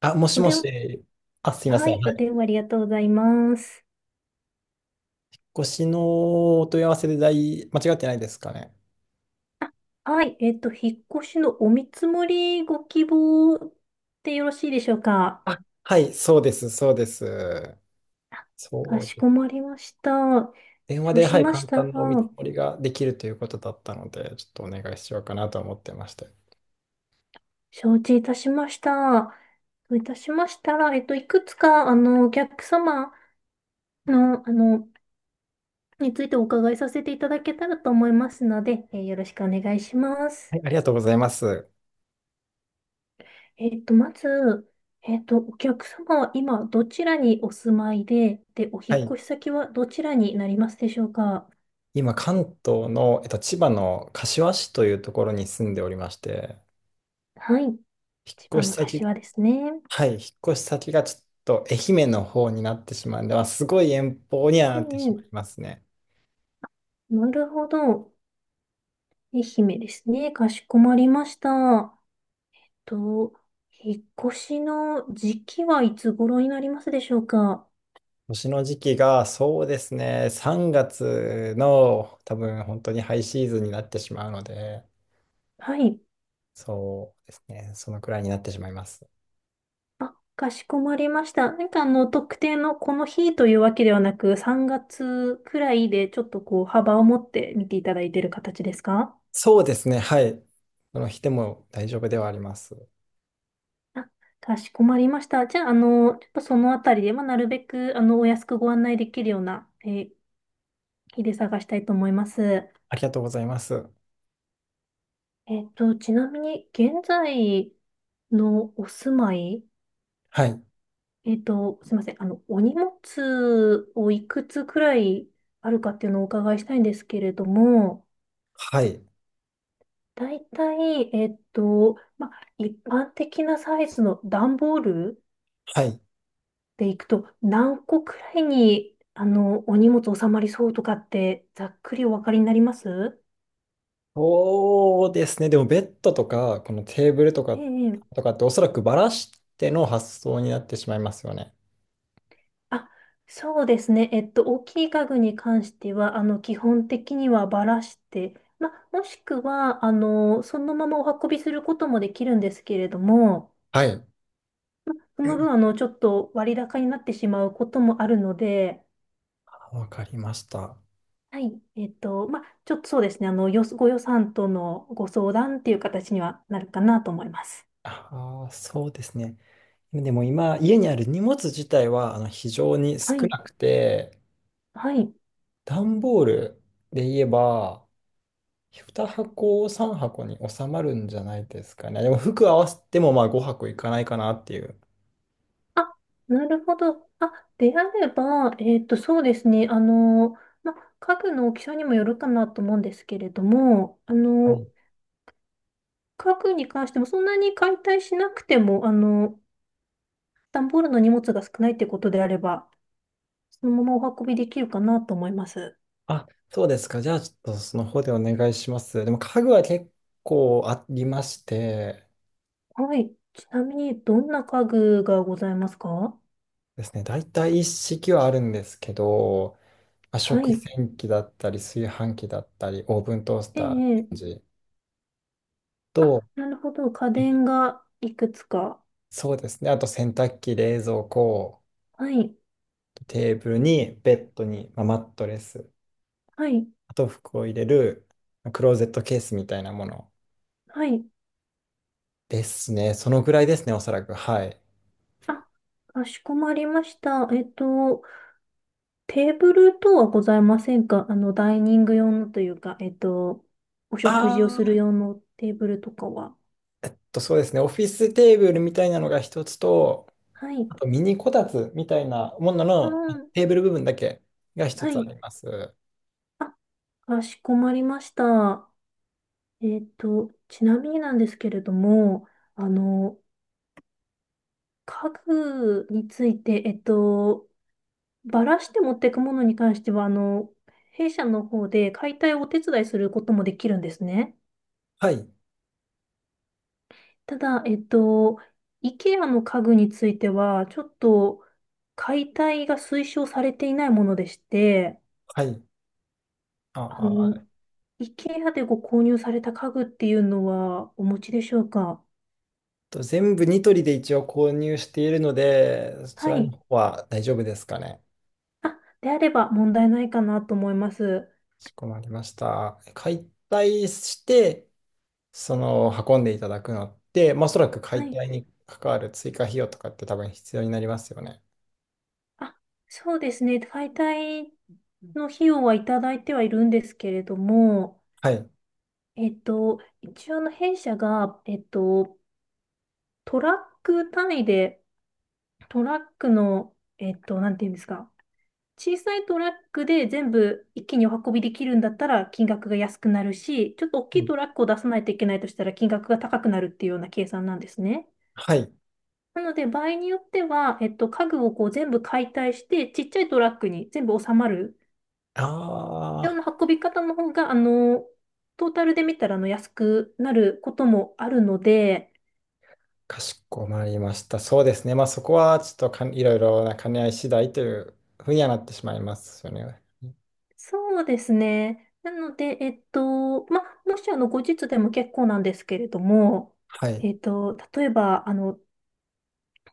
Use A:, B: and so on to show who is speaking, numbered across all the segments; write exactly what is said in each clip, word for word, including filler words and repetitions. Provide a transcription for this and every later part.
A: あ、もし
B: お
A: も
B: 電、
A: し。あ、すいま
B: は
A: せん。
B: い、
A: は
B: お電
A: い。
B: 話ありがとうございます。
A: ごしのお問い合わせで大、間違ってないですかね。
B: はい、えっと、引っ越しのお見積もりご希望でよろしいでしょうか。
A: あ、はい、そうです、そうです。
B: か
A: そう
B: し
A: で
B: こ
A: す。
B: まりました。
A: 電話
B: そう
A: で、
B: し
A: はい、
B: まし
A: 簡
B: たら、
A: 単なお見積もりができるということだったので、ちょっとお願いしようかなと思ってまして。は
B: 承知いたしました。そういたしましたら、えっと、いくつか、あの、お客様の、あの、についてお伺いさせていただけたらと思いますので、えーよろしくお願いします。
A: い、ありがとうございます。
B: えっと、まず、えっと、お客様は今どちらにお住まいで、で、お
A: は
B: 引っ
A: い。
B: 越し先はどちらになりますでしょうか？
A: 今、関東の、えっと、千葉の柏市というところに住んでおりまして、
B: はい。
A: 引
B: 千
A: っ
B: 葉
A: 越
B: の
A: し先、
B: 柏ですね。
A: はい、引っ越し先がちょっと愛媛の方になってしまうんで、まあ、すごい遠方には
B: え
A: なってしま
B: え、
A: いますね。
B: なるほど。愛媛ですね。かしこまりました。と、引っ越しの時期はいつ頃になりますでしょうか？
A: 年の時期が、そうですね、さんがつの多分本当にハイシーズンになってしまうので、
B: はい。
A: そうですね、そのくらいになってしまいます。
B: あ、かしこまりました。なんかあの、特定のこの日というわけではなく、さんがつくらいでちょっとこう、幅を持って見ていただいている形ですか？
A: そうですね、はい。その日でも大丈夫ではあります。
B: あ、かしこまりました。じゃあ、あの、ちょっとそのあたりで、まあ、なるべく、あの、お安くご案内できるような、えー日で探したいと思います。
A: ありがとうございます。
B: えっと、ちなみに、現在のお住まい、
A: はい、
B: えっと、すいません。あの、お荷物をいくつくらいあるかっていうのをお伺いしたいんですけれども、
A: はい、
B: 大体、えっと、まあ、一般的なサイズの段ボール
A: はい。
B: でいくと、何個くらいに、あの、お荷物収まりそうとかって、ざっくりお分かりになります？
A: そうですね。でもベッドとか、このテーブルと
B: え
A: か、と
B: え。
A: かっておそらくバラしての発想になってしまいますよね。
B: あ、そうですね。えっと、大きい家具に関しては、あの、基本的にはばらして、まあ、もしくは、あの、そのままお運びすることもできるんですけれども、
A: はい。
B: その分、あの、ちょっと割高になってしまうこともあるので、
A: あわかりました。
B: はい。えっと、まあ、ちょっとそうですね。あの、よ、ご予算とのご相談っていう形にはなるかなと思います。
A: ああ、そうですね。でも今、家にある荷物自体はあの非常に
B: は
A: 少
B: い。
A: なくて、
B: はい。
A: 段ボールで言えば、にはこ箱、さんばこ箱に収まるんじゃないですかね。でも服合わせてもまあごはこ箱いかないかなっていう。
B: あ、なるほど。あ、であれば、えっと、そうですね。あの、まあ、家具の大きさにもよるかなと思うんですけれども、あの、家具に関してもそんなに解体しなくても、あの、段ボールの荷物が少ないってことであれば、そのままお運びできるかなと思います。
A: あ、そうですか。じゃあ、ちょっとその方でお願いします。でも、家具は結構ありまして
B: はい。ちなみに、どんな家具がございますか？
A: ですね、大体一式はあるんですけど、まあ、
B: は
A: 食
B: い。
A: 洗機だったり、炊飯器だったり、オーブントース
B: え
A: ター、レ
B: え、
A: ン
B: ええ。
A: ジ
B: あ、
A: と、
B: なるほど。家
A: え
B: 電がいくつか。
A: そうですね、あと洗濯機、冷蔵庫、
B: はい、
A: テーブルに、ベッドに、まあ、マットレス、
B: はい、
A: あと服を入れる、まあクローゼットケースみたいなもの
B: はい。
A: ですね。そのぐらいですね、おそらく。はい。
B: あ、かしこまりました。えっと、テーブル等はございませんか？あの、ダイニング用のというか、えっと、お食事をする
A: あ
B: 用のテーブルとかは。
A: と、そうですね、オフィステーブルみたいなのが一つと、
B: はい、
A: あとミニこたつみたいなもの
B: う
A: の
B: ん、
A: テーブル部分だけが一
B: は
A: つあ
B: い。
A: ります。
B: あ、かしこまりました。えっと、ちなみになんですけれども、あの、家具について、えっと、バラして持っていくものに関しては、あの、弊社の方で解体をお手伝いすることもできるんですね。
A: はい、
B: ただ、えっと、IKEA の家具については、ちょっと解体が推奨されていないものでして、
A: はい。あ
B: あの、
A: あ、えっ
B: IKEA でご購入された家具っていうのはお持ちでしょうか？
A: と、全部ニトリで一応購入しているので、そち
B: は
A: らの
B: い。
A: 方は大丈夫ですかね。
B: あ、であれば問題ないかなと思います。
A: かしこまりました。解体して、その運んでいただくのって、まあ、おそらく
B: は
A: 解
B: い。
A: 体に関わる追加費用とかって多分必要になりますよね。
B: あ、そうですね。解体の費用はいただいてはいるんですけれども、
A: はい。
B: えっと、一応あの弊社が、えっと、トラック単位で、トラックの、えっと、なんていうんですか、小さいトラックで全部一気にお運びできるんだったら金額が安くなるし、ちょっと大き
A: う
B: い
A: ん、
B: トラックを出さないといけないとしたら金額が高くなるっていうような計算なんですね。
A: はい。
B: なので、場合によっては、えっと、家具をこう全部解体して、ちっちゃいトラックに全部収まる
A: あ
B: よう
A: あ。
B: な運び方の方が、あの、トータルで見たらあの安くなることもあるので、
A: かしこまりました。そうですね。まあそこはちょっとかんいろいろな兼ね合い次第というふうにはなってしまいますよね。
B: そうですね。なので、えっと、まあ、もしあの、後日でも結構なんですけれども、
A: はい。
B: えっと、例えば、あの、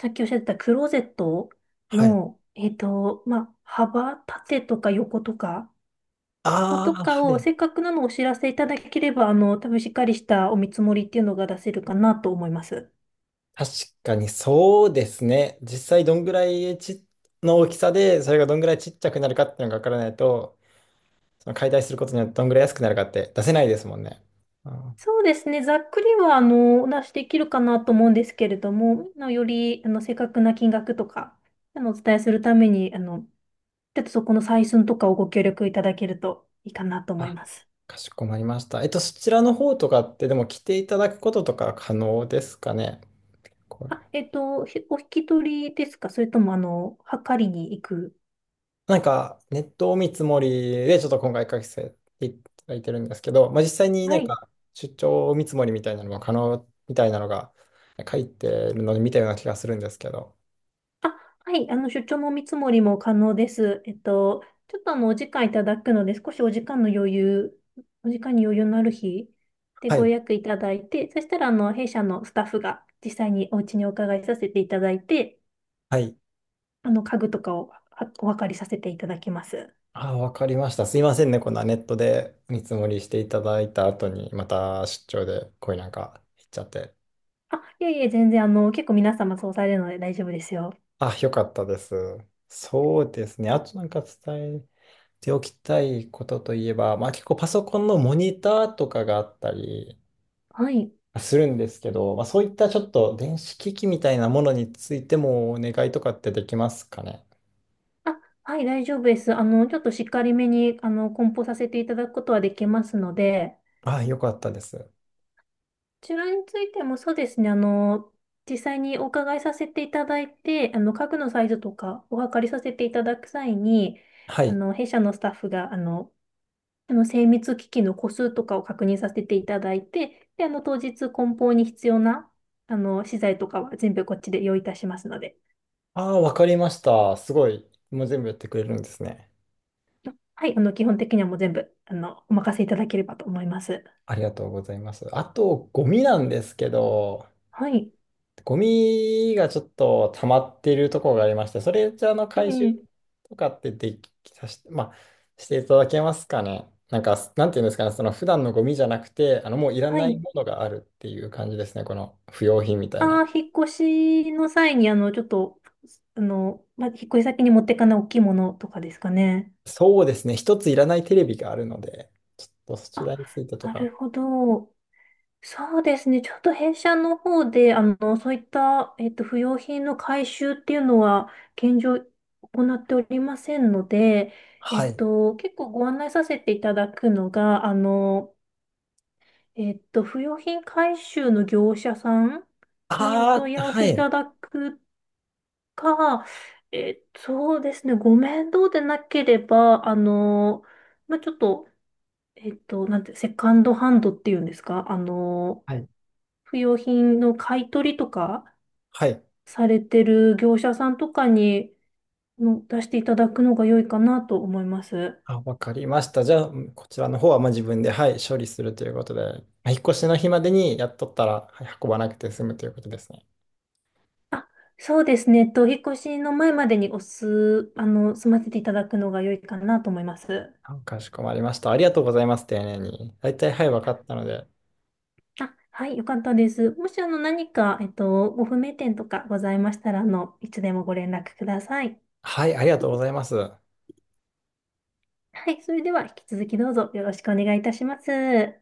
B: さっきおっしゃってたクローゼット
A: はい。
B: の、えっと、まあ、幅、縦とか横とか、ま、
A: あ
B: と
A: あ、
B: か
A: は
B: を、
A: い。
B: せっかくなのをお知らせいただければ、あの、多分しっかりしたお見積もりっていうのが出せるかなと思います。
A: 確かにそうですね。実際どんぐらいちの大きさで、それがどんぐらいちっちゃくなるかっていうのがわからないと、その解体することによってどんぐらい安くなるかって出せないですもんね。あー、
B: そうですね。ざっくりは、あの、お出しできるかなと思うんですけれども、あのより、あの、正確な金額とか、あの、お伝えするために、あの、ちょっとそこの採寸とかをご協力いただけるといいかなと思い
A: あ
B: ます。
A: かしこまりました。えっと、そちらの方とかってでも来ていただくこととか可能ですかね。これ
B: あ、えっと、ひお引き取りですか？それとも、あの、測りに行く。
A: なんか、ネットを見積もりで、ちょっと今回書かせていただいてるんですけど、まあ、実際にな
B: は
A: ん
B: い。
A: か、出張見積もりみたいなのも可能みたいなのが書いてるので見たような気がするんですけど。
B: あ、はい。あの、出張も見積もりも可能です。えっと、ちょっとあの、お時間いただくので、少しお時間の余裕、お時間に余裕のある日で
A: は
B: ご
A: い。
B: 予約いただいて、そしたら、あの、弊社のスタッフが実際にお家にお伺いさせていただいて、
A: はい。
B: あの、家具とかをはお分かりさせていただきます。
A: あわかりました。すいませんね。こんなネットで見積もりしていただいた後に、また出張でこういうなんか行っちゃって。
B: あ、いえいえ、全然、あの、結構皆様そうされるので大丈夫ですよ。
A: あ、よかったです。そうですね。あとなんか伝えておきたいことといえば、まあ結構パソコンのモニターとかがあったり
B: はい。
A: するんですけど、まあ、そういったちょっと電子機器みたいなものについてもお願いとかってできますかね。
B: あ、はい、大丈夫です。あの、ちょっとしっかりめに、あの、梱包させていただくことはできますので、
A: ああ、よかったです。
B: こちらについてもそうですね、あの、実際にお伺いさせていただいて、あの、家具のサイズとかお測りさせていただく際に、
A: は
B: あ
A: い。
B: の、弊社のスタッフが、あの、あの精密機器の個数とかを確認させていただいて、で、あの、当日梱包に必要な、あの、資材とかは全部こっちで用意いたしますので。
A: ああ、わかりました。すごい。もう全部やってくれるんですね。
B: はい、あの、基本的にはもう全部、あの、お任せいただければと思います。
A: ありがとうございます。あと、ゴミなんですけど、
B: はい。
A: ゴミがちょっと溜まってるところがありまして、それじゃあの
B: え
A: 回収
B: え、
A: とかってできさし、まあ、していただけますかね。なんか、なんていうんですかね、その普段のゴミじゃなくて、あのもういら
B: は
A: ない
B: い。
A: ものがあるっていう感じですね、この不用品みたいな。
B: ああ、引っ越しの際に、あの、ちょっと、あの、まあ、引っ越し先に持ってかない大きいものとかですかね？
A: そうですね、一ついらないテレビがあるので、ちょっとそち
B: あ、
A: らについてと
B: な
A: か。
B: るほど。そうですね。ちょっと弊社の方で、あの、そういった、えっと、不用品の回収っていうのは、現状、行っておりませんので、え
A: は
B: っ
A: い。
B: と、結構ご案内させていただくのが、あの、えっと、不用品回収の業者さんにお
A: あ
B: 問い
A: あ、
B: 合わ
A: は
B: せいた
A: い。
B: だくか、えっと、そうですね、ご面倒でなければ、あの、まあ、ちょっと、えっと、なんて、セカンドハンドっていうんですか、あの、
A: はい。
B: 不用品の買い取りとか
A: はい、
B: されてる業者さんとかにの出していただくのが良いかなと思います。
A: あ、わかりました。じゃあ、こちらの方はまあ自分で、はい、処理するということで、まあ引っ越しの日までにやっとったら、はい、運ばなくて済むということですね。
B: そうですね、えっと、お引っ越しの前までにおす、あの、済ませていただくのが良いかなと思います。
A: あかしこまりました。ありがとうございます、丁寧に。大体、はい、わかったので。
B: あ、はい、よかったです。もし、あの、何か、えっと、ご不明点とかございましたら、あの、いつでもご連絡ください。
A: はい、ありがとうございます。
B: はい、それでは、引き続きどうぞよろしくお願いいたします。